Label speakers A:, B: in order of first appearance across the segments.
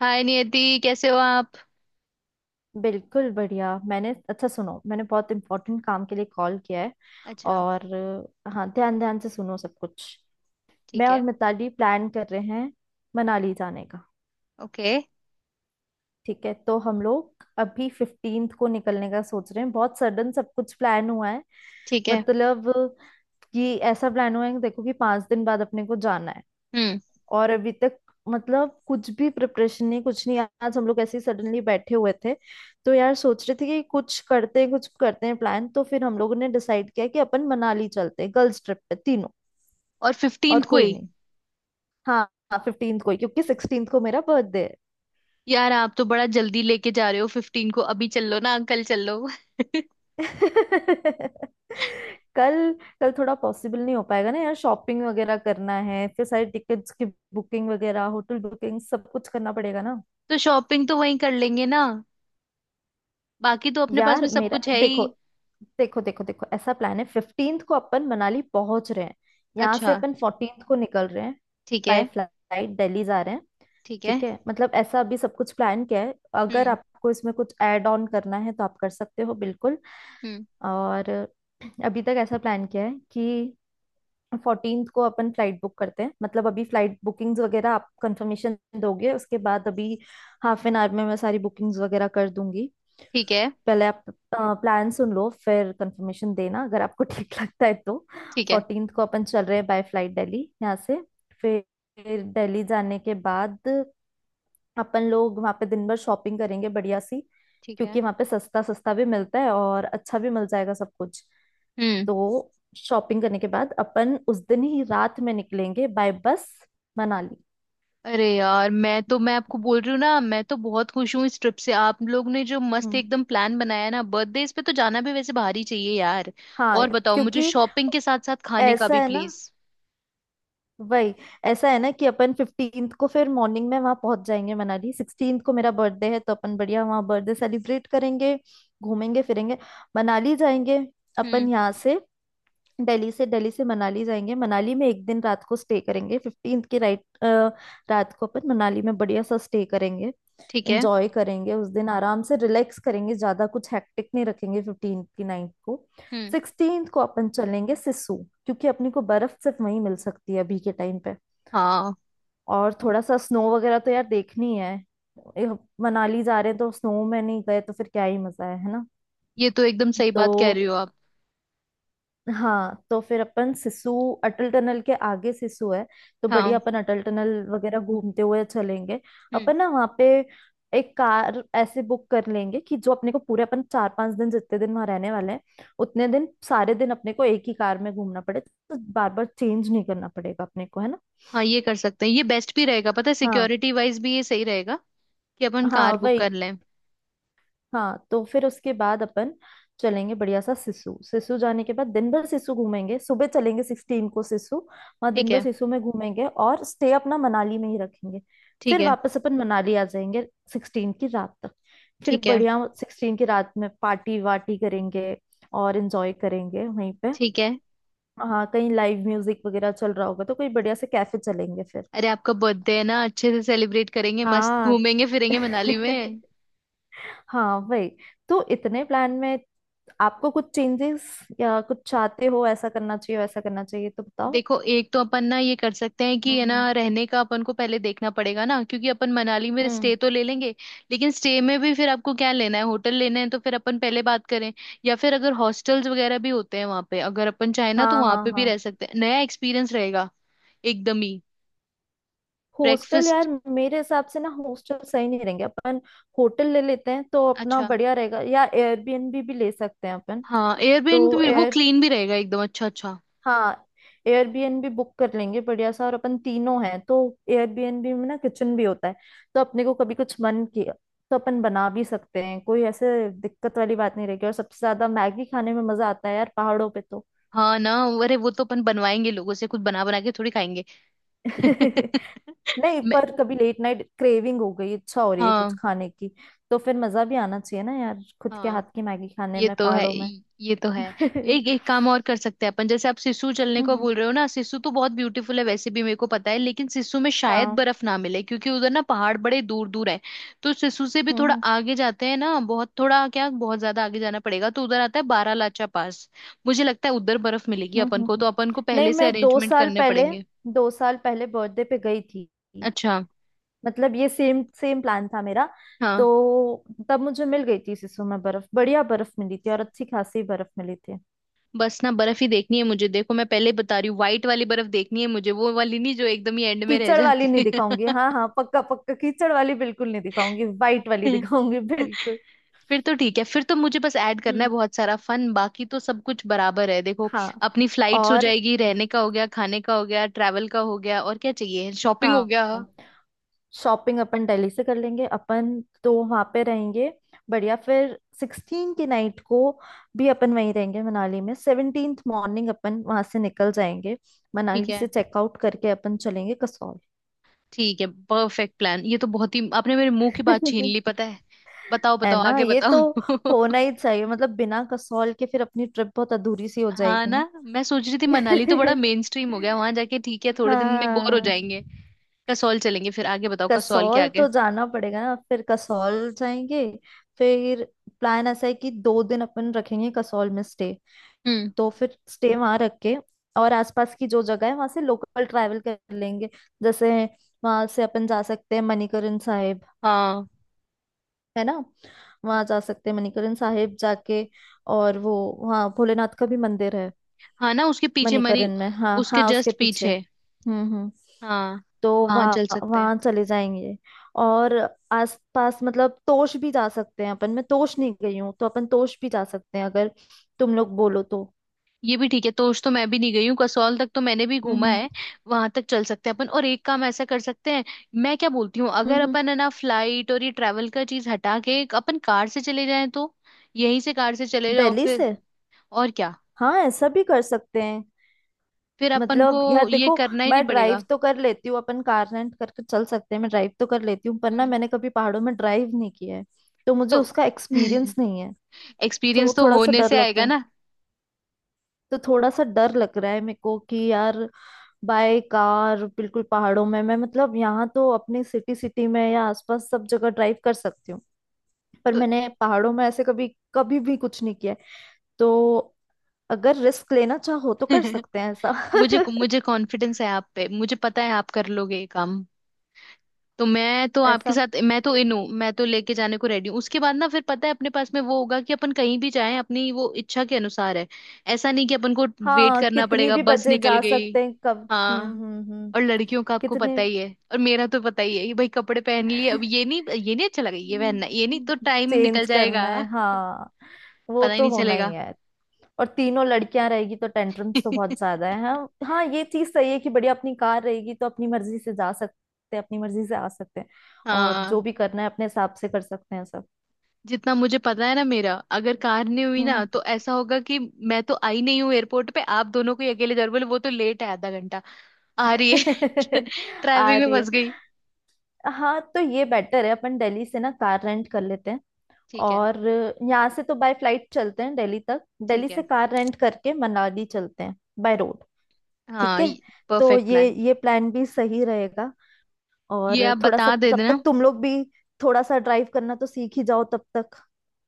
A: हाय नियति, कैसे हो आप।
B: बिल्कुल बढ़िया। मैंने, अच्छा सुनो, मैंने बहुत इम्पोर्टेंट काम के लिए कॉल किया है।
A: अच्छा।
B: और हाँ, ध्यान ध्यान से सुनो सब कुछ। मैं
A: ठीक
B: और
A: है।
B: मिताली प्लान कर रहे हैं मनाली जाने का।
A: ओके।
B: ठीक है, तो हम लोग अभी फिफ्टींथ को निकलने का सोच रहे हैं। बहुत सडन सब कुछ प्लान हुआ है।
A: ठीक है।
B: मतलब कि ऐसा प्लान हुआ है कि देखो कि पांच दिन बाद अपने को जाना है,
A: हम्म।
B: और अभी तक मतलब कुछ भी प्रिपरेशन नहीं, कुछ नहीं। आज हम लोग ऐसे ही सडनली बैठे हुए थे, तो यार सोच रहे थे कि कुछ करते हैं, कुछ करते हैं प्लान। तो फिर हम लोगों ने डिसाइड किया कि अपन मनाली चलते हैं गर्ल्स ट्रिप पे, तीनों।
A: और फिफ्टींथ
B: और
A: को
B: कोई
A: ही?
B: नहीं। हाँ। हाँ, 15th को ही, क्योंकि 16th को मेरा बर्थडे है।
A: यार आप तो बड़ा जल्दी लेके जा रहे हो। फिफ्टीन को? अभी चल लो ना अंकल, चल लो।
B: कल, कल थोड़ा पॉसिबल नहीं हो पाएगा ना यार। शॉपिंग वगैरह करना है, फिर सारी टिकट्स की बुकिंग वगैरह, होटल बुकिंग सब कुछ करना पड़ेगा ना।
A: तो शॉपिंग तो वहीं कर लेंगे ना। बाकी तो अपने पास
B: यार
A: में सब
B: मेरा
A: कुछ है ही।
B: देखो, देखो देखो देखो, ऐसा प्लान है। फिफ्टींथ को अपन मनाली पहुंच रहे हैं। यहाँ से
A: अच्छा।
B: अपन फोर्टींथ को निकल रहे हैं।
A: ठीक
B: बाय
A: है।
B: फ्लाइट दिल्ली जा रहे हैं।
A: ठीक है।
B: ठीक है, मतलब ऐसा अभी सब कुछ प्लान किया है। अगर
A: हम्म।
B: आपको इसमें कुछ ऐड ऑन करना है तो आप कर सकते हो बिल्कुल।
A: हम्म।
B: और अभी तक ऐसा प्लान किया है कि फोर्टीन को अपन फ्लाइट बुक करते हैं। मतलब अभी फ्लाइट बुकिंग्स वगैरह आप कंफर्मेशन दोगे, उसके बाद अभी हाफ एन आवर में मैं सारी बुकिंग्स वगैरह कर दूंगी।
A: ठीक है।
B: पहले आप प्लान सुन लो, फिर कंफर्मेशन देना अगर आपको ठीक लगता है तो।
A: ठीक है।
B: फोर्टीन को अपन चल रहे हैं बाय फ्लाइट दिल्ली, यहाँ से। फिर दिल्ली जाने के बाद अपन लोग वहाँ पे दिन भर शॉपिंग करेंगे बढ़िया सी।
A: ठीक है।
B: क्योंकि वहाँ पे सस्ता सस्ता भी मिलता है और अच्छा भी मिल जाएगा सब कुछ।
A: हम्म।
B: तो शॉपिंग करने के बाद अपन उस दिन ही रात में निकलेंगे बाय बस, मनाली।
A: अरे यार, मैं आपको बोल रही हूँ ना, मैं तो बहुत खुश हूँ इस ट्रिप से। आप लोग ने जो मस्त
B: हम्म।
A: एकदम प्लान बनाया है ना, बर्थडे इस पे तो जाना भी वैसे बाहर ही चाहिए यार।
B: हाँ।
A: और बताओ मुझे
B: क्योंकि
A: शॉपिंग के साथ साथ खाने का
B: ऐसा
A: भी,
B: है ना,
A: प्लीज।
B: वही, ऐसा है ना कि अपन फिफ्टींथ को फिर मॉर्निंग में वहां पहुंच जाएंगे मनाली। सिक्सटींथ को मेरा बर्थडे है, तो अपन बढ़िया वहां बर्थडे सेलिब्रेट करेंगे। घूमेंगे फिरेंगे, मनाली जाएंगे। अपन
A: हम्म।
B: यहाँ से दिल्ली से, दिल्ली से मनाली जाएंगे। मनाली में एक दिन रात को स्टे करेंगे, फिफ्टींथ की राइट। रात को अपन मनाली में बढ़िया सा स्टे करेंगे,
A: ठीक है।
B: एंजॉय करेंगे। उस दिन आराम से रिलैक्स करेंगे, ज्यादा कुछ हैक्टिक नहीं रखेंगे फिफ्टींथ की नाइट को।
A: हम्म।
B: सिक्सटींथ को अपन चलेंगे सिसु, क्योंकि अपने को बर्फ सिर्फ वहीं मिल सकती है अभी के टाइम पे।
A: हाँ।
B: और थोड़ा सा स्नो वगैरह तो यार देखनी है ये। मनाली जा रहे हैं तो स्नो में नहीं गए तो फिर क्या ही मजा है ना।
A: ये तो एकदम सही
B: तो
A: बात कह रही हो आप।
B: हाँ, तो फिर अपन सिसु। अटल टनल के आगे सिसु है, तो बढ़िया
A: हाँ।
B: अपन अटल टनल वगैरह घूमते हुए चलेंगे।
A: हम्म।
B: अपन ना वहाँ पे एक कार ऐसे बुक कर लेंगे, कि जो अपने को पूरे अपन चार पांच दिन जितने दिन वहां रहने वाले हैं, उतने दिन सारे दिन अपने को एक ही कार में घूमना पड़े, तो बार बार चेंज नहीं करना पड़ेगा अपने को, है ना।
A: हाँ ये कर सकते हैं, ये बेस्ट भी रहेगा। पता है,
B: हाँ,
A: सिक्योरिटी वाइज भी ये सही रहेगा कि अपन
B: हाँ
A: कार बुक कर
B: वही।
A: लें।
B: हाँ, तो फिर उसके बाद अपन चलेंगे बढ़िया सा सिसु। सिसु जाने के बाद दिन भर सिसु घूमेंगे। सुबह चलेंगे सिक्सटीन को सिसु, वहाँ
A: ठीक
B: दिन भर
A: है।
B: सिसु में घूमेंगे और स्टे अपना मनाली में ही रखेंगे।
A: ठीक
B: फिर
A: है।
B: वापस अपन मनाली आ जाएंगे, सिक्सटीन की रात तक। फिर
A: ठीक है।
B: बढ़िया सिक्सटीन की रात में पार्टी वार्टी करेंगे और एंजॉय करेंगे वहीं पे।
A: ठीक है।
B: हाँ, कहीं लाइव म्यूजिक वगैरह चल रहा होगा तो कोई बढ़िया से कैफे चलेंगे फिर।
A: अरे आपका बर्थडे है ना, अच्छे से सेलिब्रेट करेंगे, मस्त
B: हाँ।
A: घूमेंगे फिरेंगे मनाली में।
B: हाँ वही। तो इतने प्लान में आपको कुछ चेंजेस या कुछ चाहते हो ऐसा करना चाहिए वैसा करना चाहिए तो बताओ।
A: देखो, एक तो अपन ना ये कर सकते हैं कि,
B: हम्म।
A: है
B: हम्म।
A: ना, रहने का अपन को पहले देखना पड़ेगा ना, क्योंकि अपन मनाली में स्टे
B: हम्म।
A: तो ले लेंगे। लेकिन स्टे में भी फिर आपको क्या लेना है, होटल लेना है, तो फिर अपन पहले बात करें। या फिर अगर हॉस्टल्स वगैरह भी होते हैं वहां पे, अगर अपन चाहे ना तो
B: हाँ
A: वहां
B: हाँ
A: पे भी
B: हाँ।
A: रह सकते हैं, नया एक्सपीरियंस रहेगा एकदम ही।
B: Hostel
A: breakfast.
B: यार, मेरे हिसाब से ना हॉस्टल सही नहीं रहेंगे अपन। होटल ले लेते हैं तो अपना
A: अच्छा।
B: बढ़िया रहेगा, या एयरबीएनबी भी ले सकते हैं अपन।
A: हाँ,
B: तो
A: एयरबीएनबी भी, वो
B: एयर,
A: क्लीन भी रहेगा एकदम, अच्छा अच्छा।
B: हाँ, एयरबीएनबी बुक कर लेंगे बढ़िया सा, और अपन तीनों हैं तो एयरबीएनबी में ना किचन भी होता है। तो अपने को कभी कुछ मन किया तो अपन बना भी सकते हैं, कोई ऐसे दिक्कत वाली बात नहीं रहेगी। और सबसे ज्यादा मैगी खाने में मजा आता है यार पहाड़ों पे तो।
A: हाँ ना। अरे वो तो अपन बनवाएंगे लोगों से, कुछ बना बना के थोड़ी खाएंगे।
B: नहीं,
A: मैं।
B: पर कभी लेट नाइट क्रेविंग हो गई, इच्छा हो रही है कुछ
A: हाँ।
B: खाने की, तो फिर मजा भी आना चाहिए ना यार, खुद के
A: हाँ
B: हाथ की मैगी खाने
A: ये
B: में
A: तो है,
B: पहाड़ों में।
A: ये तो है। एक एक काम और कर सकते हैं अपन। जैसे आप सिसु चलने को
B: हम्म।
A: बोल रहे हो ना, सिसु तो बहुत ब्यूटीफुल है वैसे भी, मेरे को पता है, लेकिन सिसु में शायद
B: हाँ।
A: बर्फ ना मिले क्योंकि उधर ना पहाड़ बड़े दूर दूर है। तो सिसु से भी
B: हम्म।
A: थोड़ा
B: हम्म।
A: आगे जाते हैं ना, बहुत थोड़ा क्या, बहुत ज्यादा आगे जाना पड़ेगा, तो उधर आता है बारालाचा पास। मुझे लगता है उधर बर्फ मिलेगी
B: हम्म।
A: अपन को,
B: हम्म।
A: तो अपन को
B: नहीं,
A: पहले से
B: मैं दो
A: अरेंजमेंट
B: साल
A: करने
B: पहले,
A: पड़ेंगे।
B: दो साल पहले बर्थडे पे गई थी,
A: अच्छा।
B: मतलब ये सेम सेम प्लान था मेरा। तो
A: हाँ।
B: तब मुझे मिल गई थी सिसु में बर्फ, बढ़िया बर्फ मिली थी, और अच्छी खासी बर्फ मिली थी।
A: बस ना बर्फ ही देखनी है मुझे। देखो, मैं पहले ही बता रही हूँ, व्हाइट वाली बर्फ देखनी है मुझे, वो वाली नहीं जो एकदम ही एंड में रह
B: कीचड़ वाली
A: जाती
B: नहीं दिखाऊंगी, हाँ हाँ पक्का पक्का, कीचड़ वाली बिल्कुल नहीं दिखाऊंगी, वाइट वाली
A: है।
B: दिखाऊंगी बिल्कुल।
A: फिर तो ठीक है। फिर तो मुझे बस ऐड करना है
B: हम्म।
A: बहुत सारा फन, बाकी तो सब कुछ बराबर है। देखो,
B: हाँ।
A: अपनी फ्लाइट्स हो
B: और
A: जाएगी, रहने का हो गया, खाने का हो गया, ट्रैवल का हो गया, और क्या चाहिए, शॉपिंग हो
B: हाँ,
A: गया।
B: शॉपिंग अपन दिल्ली से कर लेंगे अपन, तो वहां पे रहेंगे बढ़िया। फिर सिक्सटीन की नाइट को भी अपन वहीं रहेंगे मनाली में। 17th मॉर्निंग अपन वहां से निकल जाएंगे,
A: ठीक
B: मनाली से
A: है।
B: चेकआउट करके अपन चलेंगे कसौल।
A: ठीक है, परफेक्ट प्लान। ये तो बहुत ही आपने मेरे मुंह की बात छीन ली, पता है। बताओ
B: है
A: बताओ,
B: ना,
A: आगे
B: ये तो
A: बताओ।
B: होना ही चाहिए, मतलब बिना कसौल के फिर अपनी ट्रिप बहुत अधूरी सी हो
A: हाँ ना। मैं सोच रही थी मनाली तो बड़ा
B: जाएगी।
A: मेन स्ट्रीम हो गया, वहां जाके ठीक है, थोड़े दिन में बोर हो
B: हाँ।
A: जाएंगे। कसौल चलेंगे। फिर आगे बताओ, कसौल के
B: कसौल
A: आगे।
B: तो जाना पड़ेगा ना, फिर कसौल जाएंगे। फिर प्लान ऐसा है कि दो दिन अपन रखेंगे कसौल में स्टे।
A: हम्म।
B: तो फिर स्टे वहां रख के और आसपास की जो जगह है वहां से लोकल ट्रैवल कर लेंगे। जैसे वहां से अपन जा सकते हैं मणिकरण साहिब,
A: हाँ।
B: है ना। वहां जा सकते हैं मणिकरण साहिब जाके। और वो, वहाँ भोलेनाथ का भी मंदिर है,
A: हाँ ना, उसके पीछे मरी।
B: मणिकरण में। हाँ
A: उसके
B: हाँ,
A: जस्ट
B: उसके पीछे।
A: पीछे।
B: हम्म। हम्म।
A: हाँ।
B: तो
A: वहां चल
B: वहाँ
A: सकते हैं।
B: वहां चले जाएंगे। और आसपास, मतलब तोश भी जा सकते हैं अपन, मैं तोश नहीं गई हूँ, तो अपन तोश भी जा सकते हैं अगर तुम लोग बोलो तो।
A: ये भी ठीक है, तोश तो मैं भी नहीं गई हूँ, कसौल तक तो मैंने भी
B: हम्म।
A: घूमा
B: हम्म।
A: है। वहां तक चल सकते हैं अपन, और एक काम ऐसा कर सकते हैं। मैं क्या बोलती हूँ,
B: हम्म।
A: अगर
B: हम्म।
A: अपन है ना फ्लाइट और ये ट्रैवल का चीज हटा के एक अपन कार से चले जाएं तो? यहीं से कार से चले जाओ
B: दिल्ली
A: फिर,
B: से,
A: और क्या।
B: हाँ, ऐसा भी कर सकते हैं।
A: फिर अपन को
B: मतलब यार
A: ये
B: देखो,
A: करना ही नहीं
B: मैं ड्राइव
A: पड़ेगा।
B: तो कर लेती हूँ, अपन कार रेंट करके चल सकते हैं, मैं ड्राइव तो कर लेती हूँ, पर ना
A: हम्म।
B: मैंने कभी पहाड़ों में ड्राइव नहीं किया है। तो मुझे
A: तो
B: उसका एक्सपीरियंस नहीं है। तो
A: एक्सपीरियंस तो
B: थोड़ा सा
A: होने
B: डर
A: से
B: लगता
A: आएगा
B: है,
A: ना।
B: तो थोड़ा सा डर लग रहा है मेरे को कि यार, बाय कार बिल्कुल पहाड़ों में मैं, मतलब यहाँ तो अपनी सिटी सिटी में या आसपास सब जगह ड्राइव कर सकती हूँ, पर
A: तो
B: मैंने पहाड़ों में ऐसे कभी कभी भी कुछ नहीं किया है। तो अगर रिस्क लेना चाहो तो कर सकते हैं ऐसा।
A: मुझे मुझे कॉन्फिडेंस है आप पे, मुझे पता है आप कर लोगे ये काम। तो मैं तो आपके
B: ऐसा,
A: साथ, मैं तो इन हूँ, मैं तो लेके जाने को रेडी हूँ। उसके बाद ना फिर पता है अपने पास में वो होगा कि अपन कहीं भी जाएं अपनी वो इच्छा के अनुसार है। ऐसा नहीं कि अपन को वेट
B: हाँ,
A: करना
B: कितनी
A: पड़ेगा,
B: भी
A: बस
B: बजे
A: निकल
B: जा
A: गई।
B: सकते हैं, कब। हम्म।
A: हाँ।
B: हम्म। हम्म।
A: और लड़कियों का आपको
B: कितने
A: पता ही है, और मेरा तो पता ही है कि भाई कपड़े पहन लिए, अब ये नहीं, ये नहीं अच्छा लगा, ये पहनना, ये नहीं, तो टाइम निकल
B: चेंज करना
A: जाएगा।
B: है, हाँ, वो
A: पता ही
B: तो
A: नहीं
B: होना ही
A: चलेगा।
B: है, और तीनों लड़कियां रहेगी तो टेंट्रम्स तो बहुत ज्यादा है। हाँ हाँ, ये चीज सही है कि बड़ी अपनी कार रहेगी तो अपनी मर्जी से जा सकते हैं, अपनी मर्जी से आ सकते हैं, और जो
A: हाँ।
B: भी करना है अपने हिसाब से कर सकते हैं सब।
A: जितना मुझे पता है ना, मेरा अगर कार नहीं हुई ना
B: हम्म।
A: तो ऐसा होगा कि मैं तो आई नहीं हूँ एयरपोर्ट पे, आप दोनों को ही अकेले जरूर बोले, वो तो लेट है, आधा घंटा। आ रही है।
B: आ
A: ट्रैफिक में
B: रही है।
A: फंस गई।
B: हाँ, तो ये बेटर है, अपन दिल्ली से ना कार रेंट कर लेते हैं।
A: ठीक है।
B: और यहाँ से तो बाय फ्लाइट चलते हैं दिल्ली तक, दिल्ली
A: ठीक
B: से
A: है।
B: कार रेंट करके मनाली चलते हैं, बाय रोड। ठीक
A: हाँ।
B: है, तो
A: परफेक्ट प्लान।
B: ये प्लान भी सही रहेगा,
A: ये
B: और
A: आप
B: थोड़ा सा
A: बता दे
B: तब
A: देना।
B: तक तुम लोग भी थोड़ा सा ड्राइव करना तो सीख ही जाओ तब तक,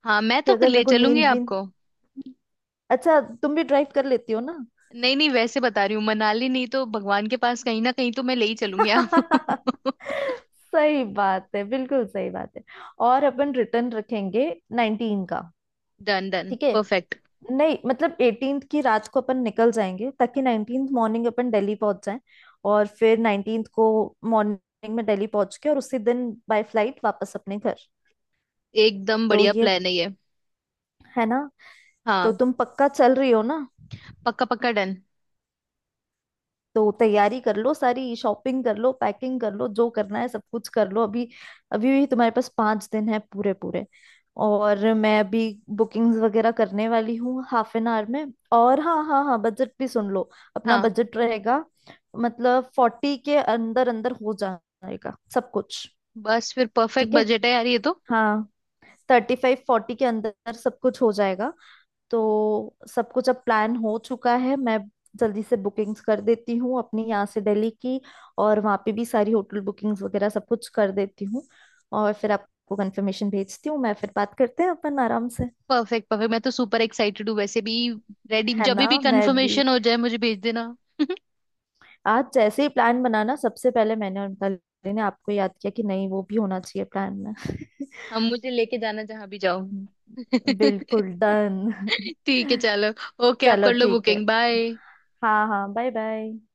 A: हाँ, मैं
B: कि
A: तो
B: अगर मेरे
A: ले
B: को
A: चलूंगी
B: नींद वींद।
A: आपको।
B: अच्छा, तुम भी ड्राइव कर लेती हो ना।
A: नहीं नहीं, वैसे बता रही हूँ मनाली नहीं तो भगवान के पास कहीं ना कहीं तो मैं ले ही चलूंगी आपको।
B: सही बात है, बिल्कुल सही बात है। और अपन रिटर्न रखेंगे नाइनटीन का।
A: डन डन,
B: ठीक है।
A: परफेक्ट।
B: नहीं मतलब एटीन की रात को अपन निकल जाएंगे, ताकि नाइनटीन मॉर्निंग अपन दिल्ली पहुंच जाएं, और फिर नाइनटीन को मॉर्निंग में दिल्ली पहुंच के और उसी दिन बाय फ्लाइट वापस अपने घर।
A: एकदम
B: तो
A: बढ़िया
B: ये,
A: प्लान है ये।
B: है ना। तो
A: हाँ।
B: तुम पक्का चल रही हो ना।
A: पक्का पक्का, डन।
B: तो तैयारी कर लो, सारी शॉपिंग कर लो, पैकिंग कर लो, जो करना है सब कुछ कर लो अभी। अभी भी तुम्हारे पास पांच दिन है, पूरे पूरे। और मैं अभी बुकिंग्स वगैरह करने वाली हूँ हाफ एन आवर में। और हाँ हाँ हाँ, बजट भी सुन लो। अपना
A: हाँ,
B: बजट रहेगा, मतलब फोर्टी के अंदर अंदर हो जाएगा सब कुछ।
A: बस फिर परफेक्ट
B: ठीक है।
A: बजट है यार ये तो।
B: हाँ, थर्टी फाइव फोर्टी के अंदर सब कुछ हो जाएगा। तो सब कुछ अब प्लान हो चुका है, मैं जल्दी से बुकिंग्स कर देती हूँ अपनी यहाँ से दिल्ली की और वहाँ पे भी सारी होटल बुकिंग्स वगैरह सब कुछ कर देती हूँ, और फिर आपको कंफर्मेशन भेजती हूँ। मैं फिर बात करते हैं अपन आराम से।
A: परफेक्ट परफेक्ट, मैं तो सुपर एक्साइटेड हूँ वैसे भी। रेडी,
B: है
A: जब
B: ना,
A: भी
B: मैं भी
A: कंफर्मेशन हो जाए मुझे भेज देना।
B: आज जैसे ही प्लान बनाना, सबसे पहले मैंने और मिताली ने आपको याद किया कि नहीं वो भी होना चाहिए प्लान में।
A: हम, मुझे लेके जाना जहां भी जाओ।
B: बिल्कुल डन।
A: ठीक है, चलो। ओके, आप
B: चलो
A: कर लो
B: ठीक है।
A: Booking, bye.
B: हाँ हाँ बाय बाय।